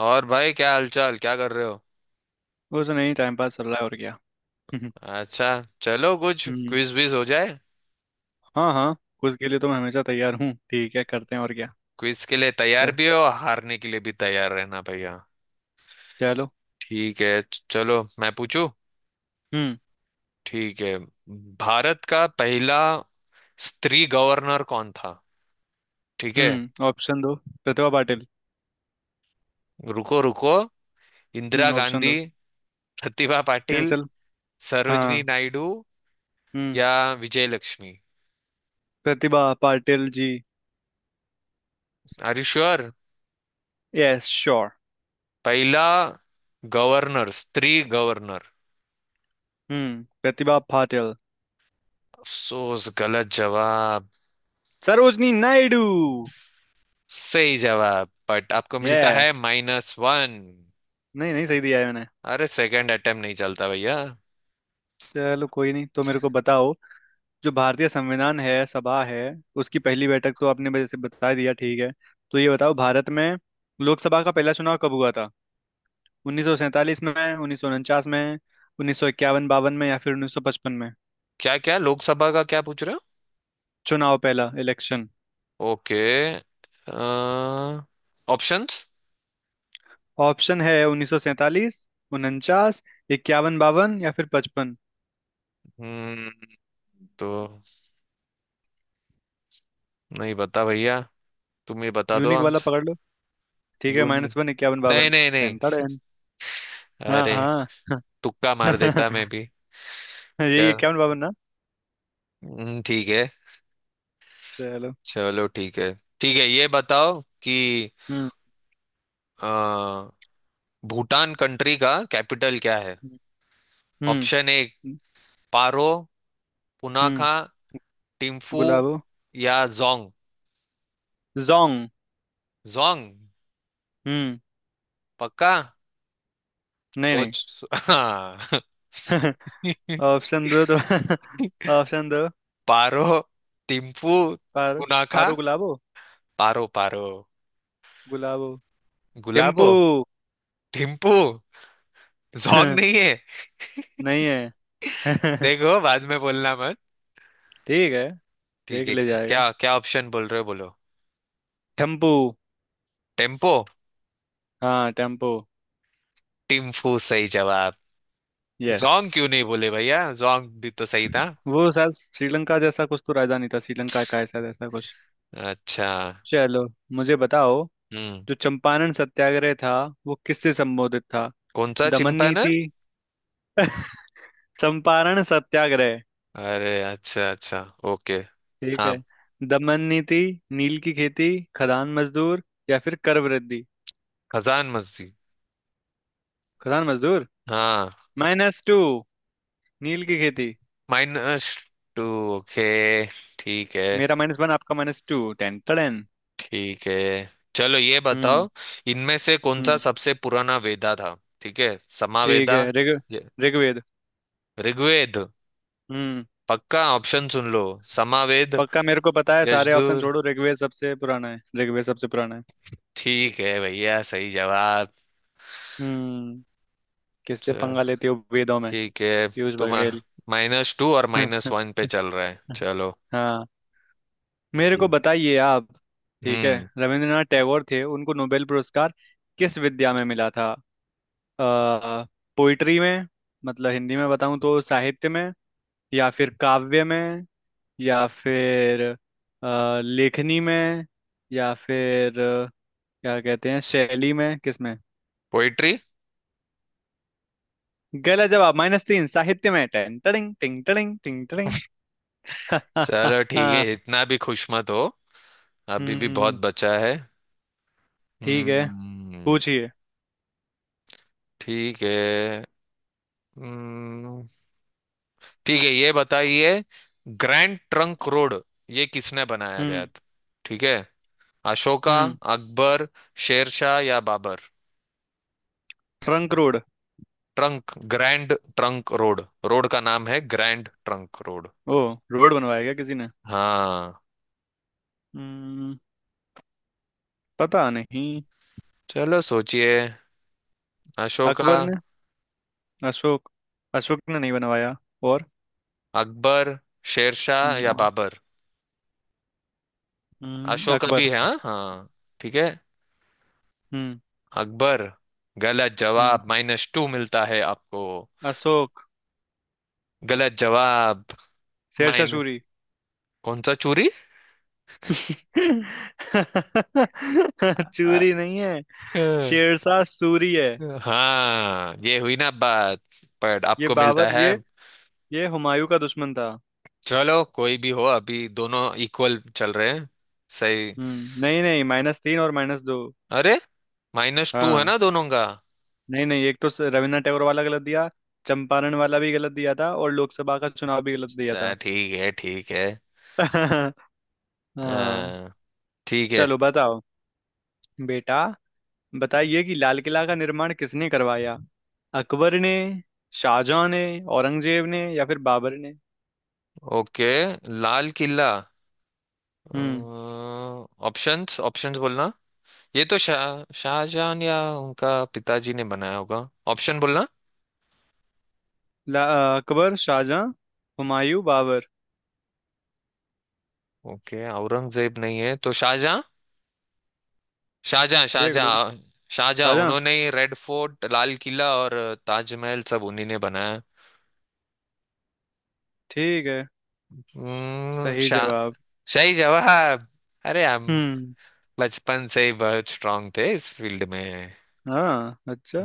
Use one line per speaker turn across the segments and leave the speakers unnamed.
और भाई, क्या हालचाल? क्या कर रहे हो?
कुछ नहीं, टाइम पास चल रहा है और क्या।
अच्छा। चलो, कुछ
हम्म।
क्विज विज हो जाए।
हाँ हाँ, कुछ के लिए तो मैं हमेशा तैयार हूँ। ठीक है, करते हैं और क्या।
क्विज के लिए तैयार
च-
भी हो और हारने के लिए भी तैयार रहना भैया।
चलो
ठीक है, चलो मैं पूछूं।
हम्म
ठीक है। भारत का पहला स्त्री गवर्नर कौन था? ठीक है।
हम्म, ऑप्शन दो प्रतिभा पाटिल।
रुको रुको। इंदिरा
हम्म, ऑप्शन
गांधी,
दो।
प्रतिभा पाटिल,
कैंसिल।
सरोजनी
हाँ।
नायडू
हम्म,
या Vijay Lakshmi?
Pratibha Patil ji.
Are you sure?
Yes, sure.
पहला गवर्नर, स्त्री गवर्नर।
हम्म, प्रतिभा पाटिल।
अफसोस, गलत जवाब।
सरोजनी नायडू।
सही जवाब, बट आपको मिलता
यस।
है माइनस वन।
नहीं नहीं, सही दिया है मैंने।
अरे, सेकंड अटेम्प्ट नहीं चलता भैया।
चलो कोई नहीं, तो मेरे को बताओ। जो भारतीय संविधान है, सभा है, उसकी पहली बैठक तो आपने वैसे बता दिया, ठीक है। तो ये बताओ, भारत में लोकसभा का पहला चुनाव कब हुआ था? 1947 में, उन्नीस सौ उनचास में, उन्नीस सौ इक्यावन बावन में, या फिर 1955 में?
क्या क्या लोकसभा का क्या पूछ रहे हो?
चुनाव, पहला इलेक्शन।
Okay, options.
ऑप्शन है 1947, 49, इक्यावन बावन या फिर पचपन।
हम्म। तो नहीं बता भैया, तुम ही बता दो
यूनिक
अंत।
वाला पकड़ लो। ठीक है,
यून
माइनस वन। इक्यावन
नहीं
बावन।
नहीं नहीं।
Ten ten. हाँ
अरे,
हाँ।
तुक्का मार देता मैं भी।
यही
चल।
इक्यावन बावन ना।
ठीक है।
चलो।
चलो ठीक है। ठीक है ये बताओ कि
हम्म
अ, भूटान कंट्री का कैपिटल क्या है?
हम्म हम्म
ऑप्शन ए, पारो,
हम्म,
पुनाखा, टिम्फू
गुलाबो।
या जोंग?
जोंग।
जोंग
हम्म।
पक्का?
नहीं नहीं।
हाँ।
ऑप्शन दो तो ऑप्शन दो।
पारो, टिम्फू,
पारो।
पुनाखा,
पारो गुलाबो।
पारो पारो
गुलाबो।
गुलाबो
थिम्पू।
टिम्फू। जोंग नहीं है।
नहीं है।
देखो, बाद में बोलना मत।
ठीक है,
ठीक
देख
है।
ले जाएगा।
क्या क्या ऑप्शन बोल रहे हो, बोलो।
टेम्पू।
टेम्पो?
हाँ, टेम्पू।
टिम्फू, सही जवाब।
यस।
जोंग क्यों नहीं बोले भैया, जोंग भी तो सही था।
वो शायद श्रीलंका जैसा कुछ तो राजधानी था, श्रीलंका का है शायद, ऐसा जैसा कुछ।
अच्छा।
चलो, मुझे बताओ।
हम्म।
जो चंपारण सत्याग्रह था, वो किससे संबोधित था?
कौन सा
दमन
चिंपैनर?
नीति। चंपारण सत्याग्रह।
अरे अच्छा अच्छा, ओके।
ठीक है।
हाँ।
दमन नीति, नील की खेती, खदान मजदूर, या फिर कर वृद्धि।
खजान मस्जिद।
खदान मजदूर।
हाँ।
Minus two. नील की खेती।
Minus two, okay. ठीक है।
मेरा माइनस वन, आपका माइनस टू। Ten ton.
ठीक है चलो ये
हम्म
बताओ, इनमें से कौन सा
हम्म,
सबसे पुराना वेदा था? ठीक है।
ठीक
समावेदा,
है ऋग,
ये-
ऋग्वेद।
ऋग्वेद।
हम्म।
पक्का? ऑप्शन सुन लो। समावेद,
पक्का मेरे को पता है, सारे ऑप्शन
यजुर्।
छोड़ो। ऋग्वेद सबसे पुराना है, ऋग्वेद सबसे पुराना है।
ठीक है भैया, सही जवाब।
हम्म। किससे
च-
पंगा लेते हो वेदों में।
ठीक है।
पीयूष
तुम
बघेल।
माइनस टू और माइनस वन पे चल रहा है, चलो
हाँ। मेरे को
ठीक।
बताइए आप। ठीक है।
हम्म।
रविंद्रनाथ टैगोर थे, उनको नोबेल पुरस्कार किस विद्या में मिला था? आ, पोइट्री में। मतलब हिंदी में बताऊं तो साहित्य में, या फिर काव्य में, या फिर लेखनी में, या फिर क्या कहते हैं, शैली में? किसमें?
पोइट्री।
गलत जवाब, माइनस तीन, साहित्य में। टेन टड़िंग टिंग टड़िंग टिंग टड़िंग।
चलो ठीक है, इतना भी खुश मत हो। अभी भी बहुत
हम्म,
बचा है।
ठीक है
हम्म।
पूछिए।
ठीक है। हम्म। ठीक है ये बताइए, ग्रैंड ट्रंक रोड ये किसने बनाया गया
हम्म
था? ठीक है। अशोका,
हम्म।
अकबर, शेरशाह या Babur?
Trunk road.
Trunk, grand trunk road. Road का नाम है ग्रैंड ट्रंक रोड।
ओ, रोड बनवाया क्या किसी ने।
हाँ।
हम्म, पता नहीं।
चलो सोचिए। अशोका,
अकबर ने। अशोक। अशोक ने नहीं बनवाया। और
अकबर, शेरशाह या
हम्म,
बाबर? अशोका भी
अकबर।
है, हाँ हाँ। ठीक है,
हम्म
अकबर। गलत
हम्म।
जवाब, माइनस टू मिलता है आपको।
अशोक।
गलत जवाब।
शेरशाह
माइन
सूरी।
कौन सा चूरी? आ,
चूरी नहीं है,
अ,
शेरशाह सूरी है।
हाँ, ये हुई ना बात। पर
ये
आपको मिलता
बाबर,
है।
ये हुमायूं का दुश्मन था।
चलो, कोई भी हो, अभी दोनों इक्वल चल रहे हैं। सही।
हम्म, नहीं नहीं, माइनस तीन और माइनस दो।
अरे, माइनस टू है
हाँ,
ना दोनों का।
नहीं नहीं, एक तो रविन्द्रनाथ टैगोर वाला गलत दिया, चंपारण वाला भी गलत दिया था, और लोकसभा का चुनाव भी गलत दिया
अच्छा,
था।
ठीक है ठीक है।
हाँ।
हाँ, ठीक है।
चलो बताओ बेटा, बताइए कि लाल किला का निर्माण किसने करवाया? अकबर ने, शाहजहां ने, औरंगजेब ने, या फिर बाबर ने?
ओके, लाल किला।
हम्म।
ऑप्शंस, ऑप्शंस बोलना। ये तो शाहजहां या उनका पिताजी ने बनाया होगा। ऑप्शन बोलना।
अकबर, शाहजहां, हुमायूं, बाबर।
ओके, औरंगजेब नहीं है तो शाहजहां। शाहजहां
देख लो।
शाहजहां। शाहजहां,
शाहजहां।
उन्होंने ही रेड फोर्ट, लाल किला और ताजमहल सब उन्हीं ने बनाया।
ठीक है, सही
शाह,
जवाब।
सही जवाब। अरे हम
हम्म।
बचपन से ही बहुत स्ट्रांग थे इस फील्ड में।
हाँ, अच्छा।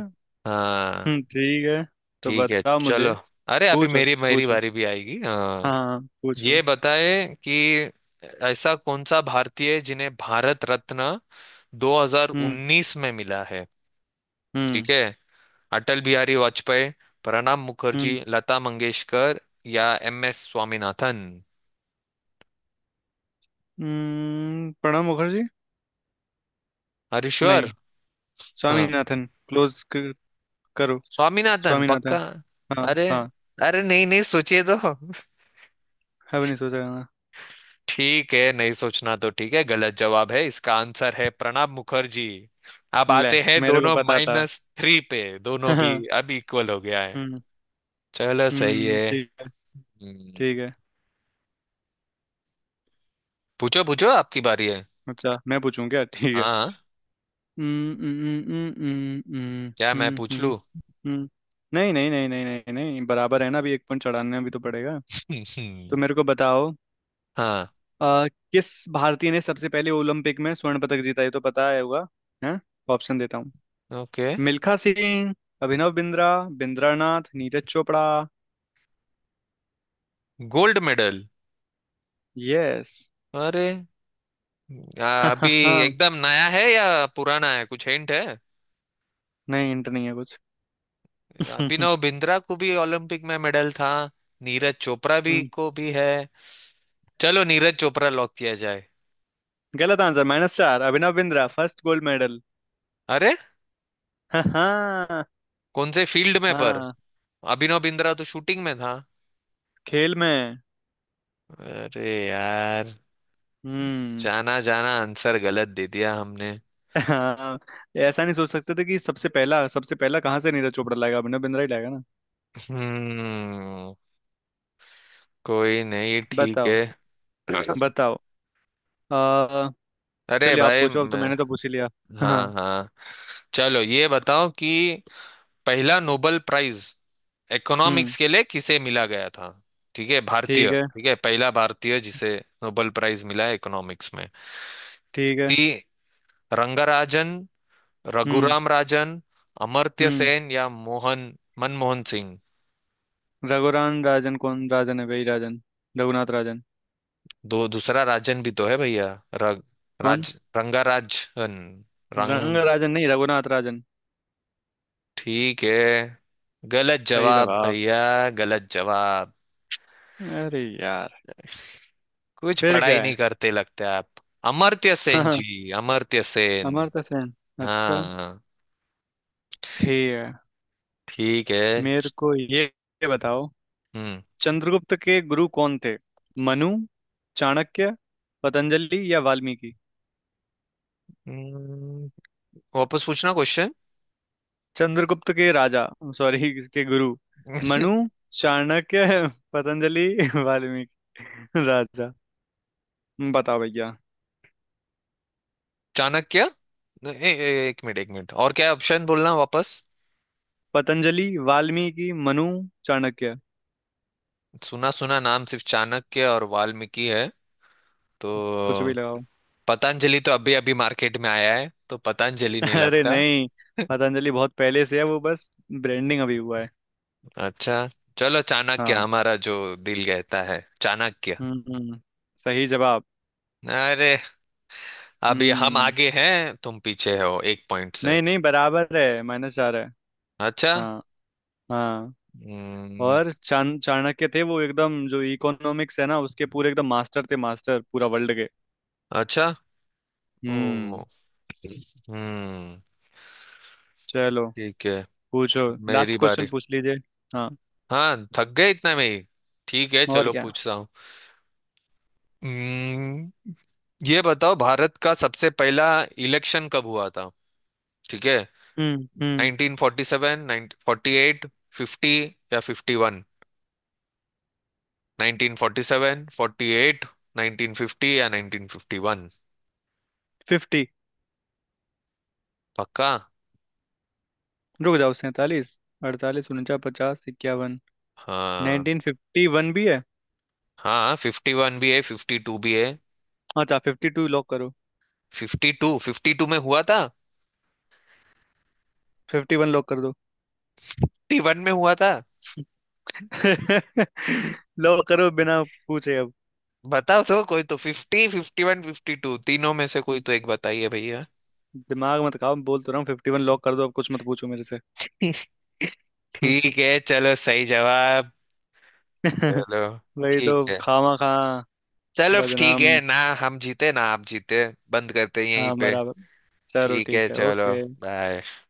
हाँ।
हम्म, ठीक है। तो
ठीक है।
बताओ मुझे।
चलो। अरे, अभी
पूछो
मेरी मेरी
पूछो,
बारी भी आएगी। हाँ।
हाँ पूछो।
ये बताए कि ऐसा कौन सा भारतीय है जिन्हें भारत रत्न
हम्म
2019 में मिला है? ठीक
हम्म
है। अटल बिहारी वाजपेयी, प्रणब मुखर्जी,
हम्म
लता मंगेशकर या एम एस स्वामीनाथन?
प्रणब मुखर्जी। नहीं।
हरीश्वर? हाँ,
स्वामीनाथन क्लोज करो।
स्वामीनाथन पक्का।
स्वामीनाथन। हाँ
अरे,
हाँ।
अरे नहीं नहीं सोचिए तो।
है, नहीं सोचा ना।
ठीक है, नहीं सोचना तो ठीक है। गलत जवाब है, इसका आंसर है प्रणब मुखर्जी। अब
ले,
आते हैं
मेरे को
दोनों
पता था।
माइनस थ्री पे, दोनों भी। अब इक्वल हो गया है।
हम्म।
चलो, सही
हम्म,
है।
ठीक है।
हम्म,
ठीक है।
पूछो पूछो आपकी बारी है।
अच्छा, मैं पूछूं क्या? ठीक है।
हाँ।
हम्म, हम्म, हम्म, हम्म, हम्म,
क्या मैं
हम्म,
पूछ
हम्म।
लूँ?
हम्म। नहीं नहीं नहीं नहीं नहीं नहीं, बराबर है ना, अभी एक पॉइंट चढ़ाने भी तो पड़ेगा। तो मेरे को बताओ,
हाँ।
आ, किस भारतीय ने सबसे पहले ओलंपिक में स्वर्ण पदक जीता? ये तो पता है होगा। हैं, ऑप्शन देता हूँ।
Okay,
Milkha Singh, Abhinav Bindra, Bindra Nath, Neeraj Chopra.
Gold medal.
Yes.
अरे, अभी एकदम नया है या पुराना है, कुछ हिंट है?
नहीं, इंट नहीं है कुछ।
अभिनव बिंद्रा को भी ओलंपिक में मेडल था, नीरज चोपड़ा भी
हम्म।
को भी है। चलो, नीरज चोपड़ा लॉक किया जाए।
गलत आंसर, माइनस चार, Abhinav Bindra first gold medal.
अरे,
हाँ हाँ।
कौन से फील्ड में पर?
हाँ,
अभिनव बिंद्रा तो शूटिंग में था।
खेल में।
अरे यार,
हम्म।
जाना जाना, आंसर गलत दे दिया हमने।
हाँ, ऐसा नहीं सोच सकते थे कि सबसे पहला, सबसे पहला कहाँ से नीरज चोपड़ा लाएगा, अभिनव बिंद्रा ही लाएगा ना।
हम्म। कोई नहीं, ठीक
बताओ
है।
बताओ, आ,
अरे
चलिए आप
भाई
पूछो, अब तो
मैं।
मैंने तो पूछ ही लिया। हाँ।
हाँ हाँ। चलो ये बताओ कि पहला नोबेल प्राइज
हम्म,
इकोनॉमिक्स के लिए किसे मिला गया था? ठीक है, भारतीय,
ठीक है।
ठीक है। पहला भारतीय जिसे नोबेल प्राइज मिला है इकोनॉमिक्स में।
ठीक है।
सी रंगराजन,
हम्म
रघुराम राजन, अमर्त्य
हम्म।
सेन या मोहन, मनमोहन सिंह?
रघुराम राजन, कौन राजन है, वही राजन। रघुनाथ राजन।
दो, दूसरा राजन भी तो है भैया। रग
कौन।
राज रंगा राजन।
रंग
रंग
राजन नहीं, रघुनाथ राजन।
ठीक है। गलत
सही
जवाब
जवाब।
भैया, गलत जवाब।
अरे यार,
कुछ
फिर
पढ़ाई
क्या
नहीं
है।
करते लगते आप। अमर्त्य सेन
हाँ,
जी, अमर्त्य सेन।
अमर्त्य सेन। अच्छा,
हाँ।
ठीक है।
ठीक है।
मेरे को ये बताओ,
हम्म।
चंद्रगुप्त के गुरु कौन थे? मनु, चाणक्य, पतंजलि या वाल्मीकि?
हम्म, वापस पूछना क्वेश्चन।
चंद्रगुप्त के राजा, सॉरी, इसके गुरु। मनु, चाणक्य, पतंजलि, वाल्मीकि। राजा। बताओ भैया।
चाणक्य। ए, ए, एक मिनट एक मिनट। और क्या ऑप्शन बोलना वापस?
पतंजलि, वाल्मीकि, मनु, चाणक्य।
सुना सुना नाम सिर्फ चाणक्य और वाल्मीकि है, तो
कुछ भी लगाओ।
पतंजलि तो अभी अभी मार्केट में आया है तो पतंजलि नहीं
अरे
लगता।
नहीं, पतंजलि बहुत पहले से है, वो बस ब्रांडिंग अभी हुआ है।
अच्छा। चलो चाणक्य,
हाँ।
हमारा जो दिल कहता है, चाणक्य।
हम्म, सही जवाब।
अरे, अभी हम
हम्म,
आगे हैं तुम पीछे हो एक पॉइंट से।
नहीं नहीं, बराबर है, माइनस चार है।
अच्छा।
हाँ हाँ।
हम्म,
और चाणक्य थे, वो एकदम जो इकोनॉमिक्स है ना, उसके पूरे एकदम मास्टर थे, मास्टर पूरा वर्ल्ड के।
अच्छा।
हम्म।
ओ। हम्म।
चलो
ठीक है,
पूछो,
मेरी
लास्ट
बारी।
क्वेश्चन पूछ लीजिए। हाँ,
हाँ, थक गए इतना में ही? ठीक है
और
चलो
क्या।
पूछता हूँ। हम्म, ये बताओ भारत का सबसे पहला इलेक्शन कब हुआ था? ठीक है।
हम्म।
1947, 48, 50 या 51? 1947, 48, 1950 या 1951?
फिफ्टी।
पक्का?
रुक जाओ, सैंतालीस, अड़तालीस, उनचास, पचास, इक्यावन।
हाँ।
1951 भी है।
हाँ, 51 भी है, 52 भी है।
अच्छा, फिफ्टी टू लॉक करो।
52, 52 में हुआ था,
फिफ्टी वन लॉक कर दो।
51 में हुआ था।
लॉक करो बिना पूछे।
बताओ तो, कोई तो 50, 51, 52 तीनों में से कोई
अब
तो एक बताइए भैया।
दिमाग मत खाओ, बोल तो रहा हूँ, फिफ्टी वन लॉक कर दो, अब कुछ मत पूछो मेरे से।
ठीक है चलो, सही जवाब। चलो
वही तो।
ठीक है।
खामा खा
चलो ठीक
बदनाम।
है ना। हम जीते ना आप जीते, बंद करते हैं यहीं
हाँ
पे।
बराबर। चलो
ठीक है
ठीक है,
चलो,
ओके।
बाय।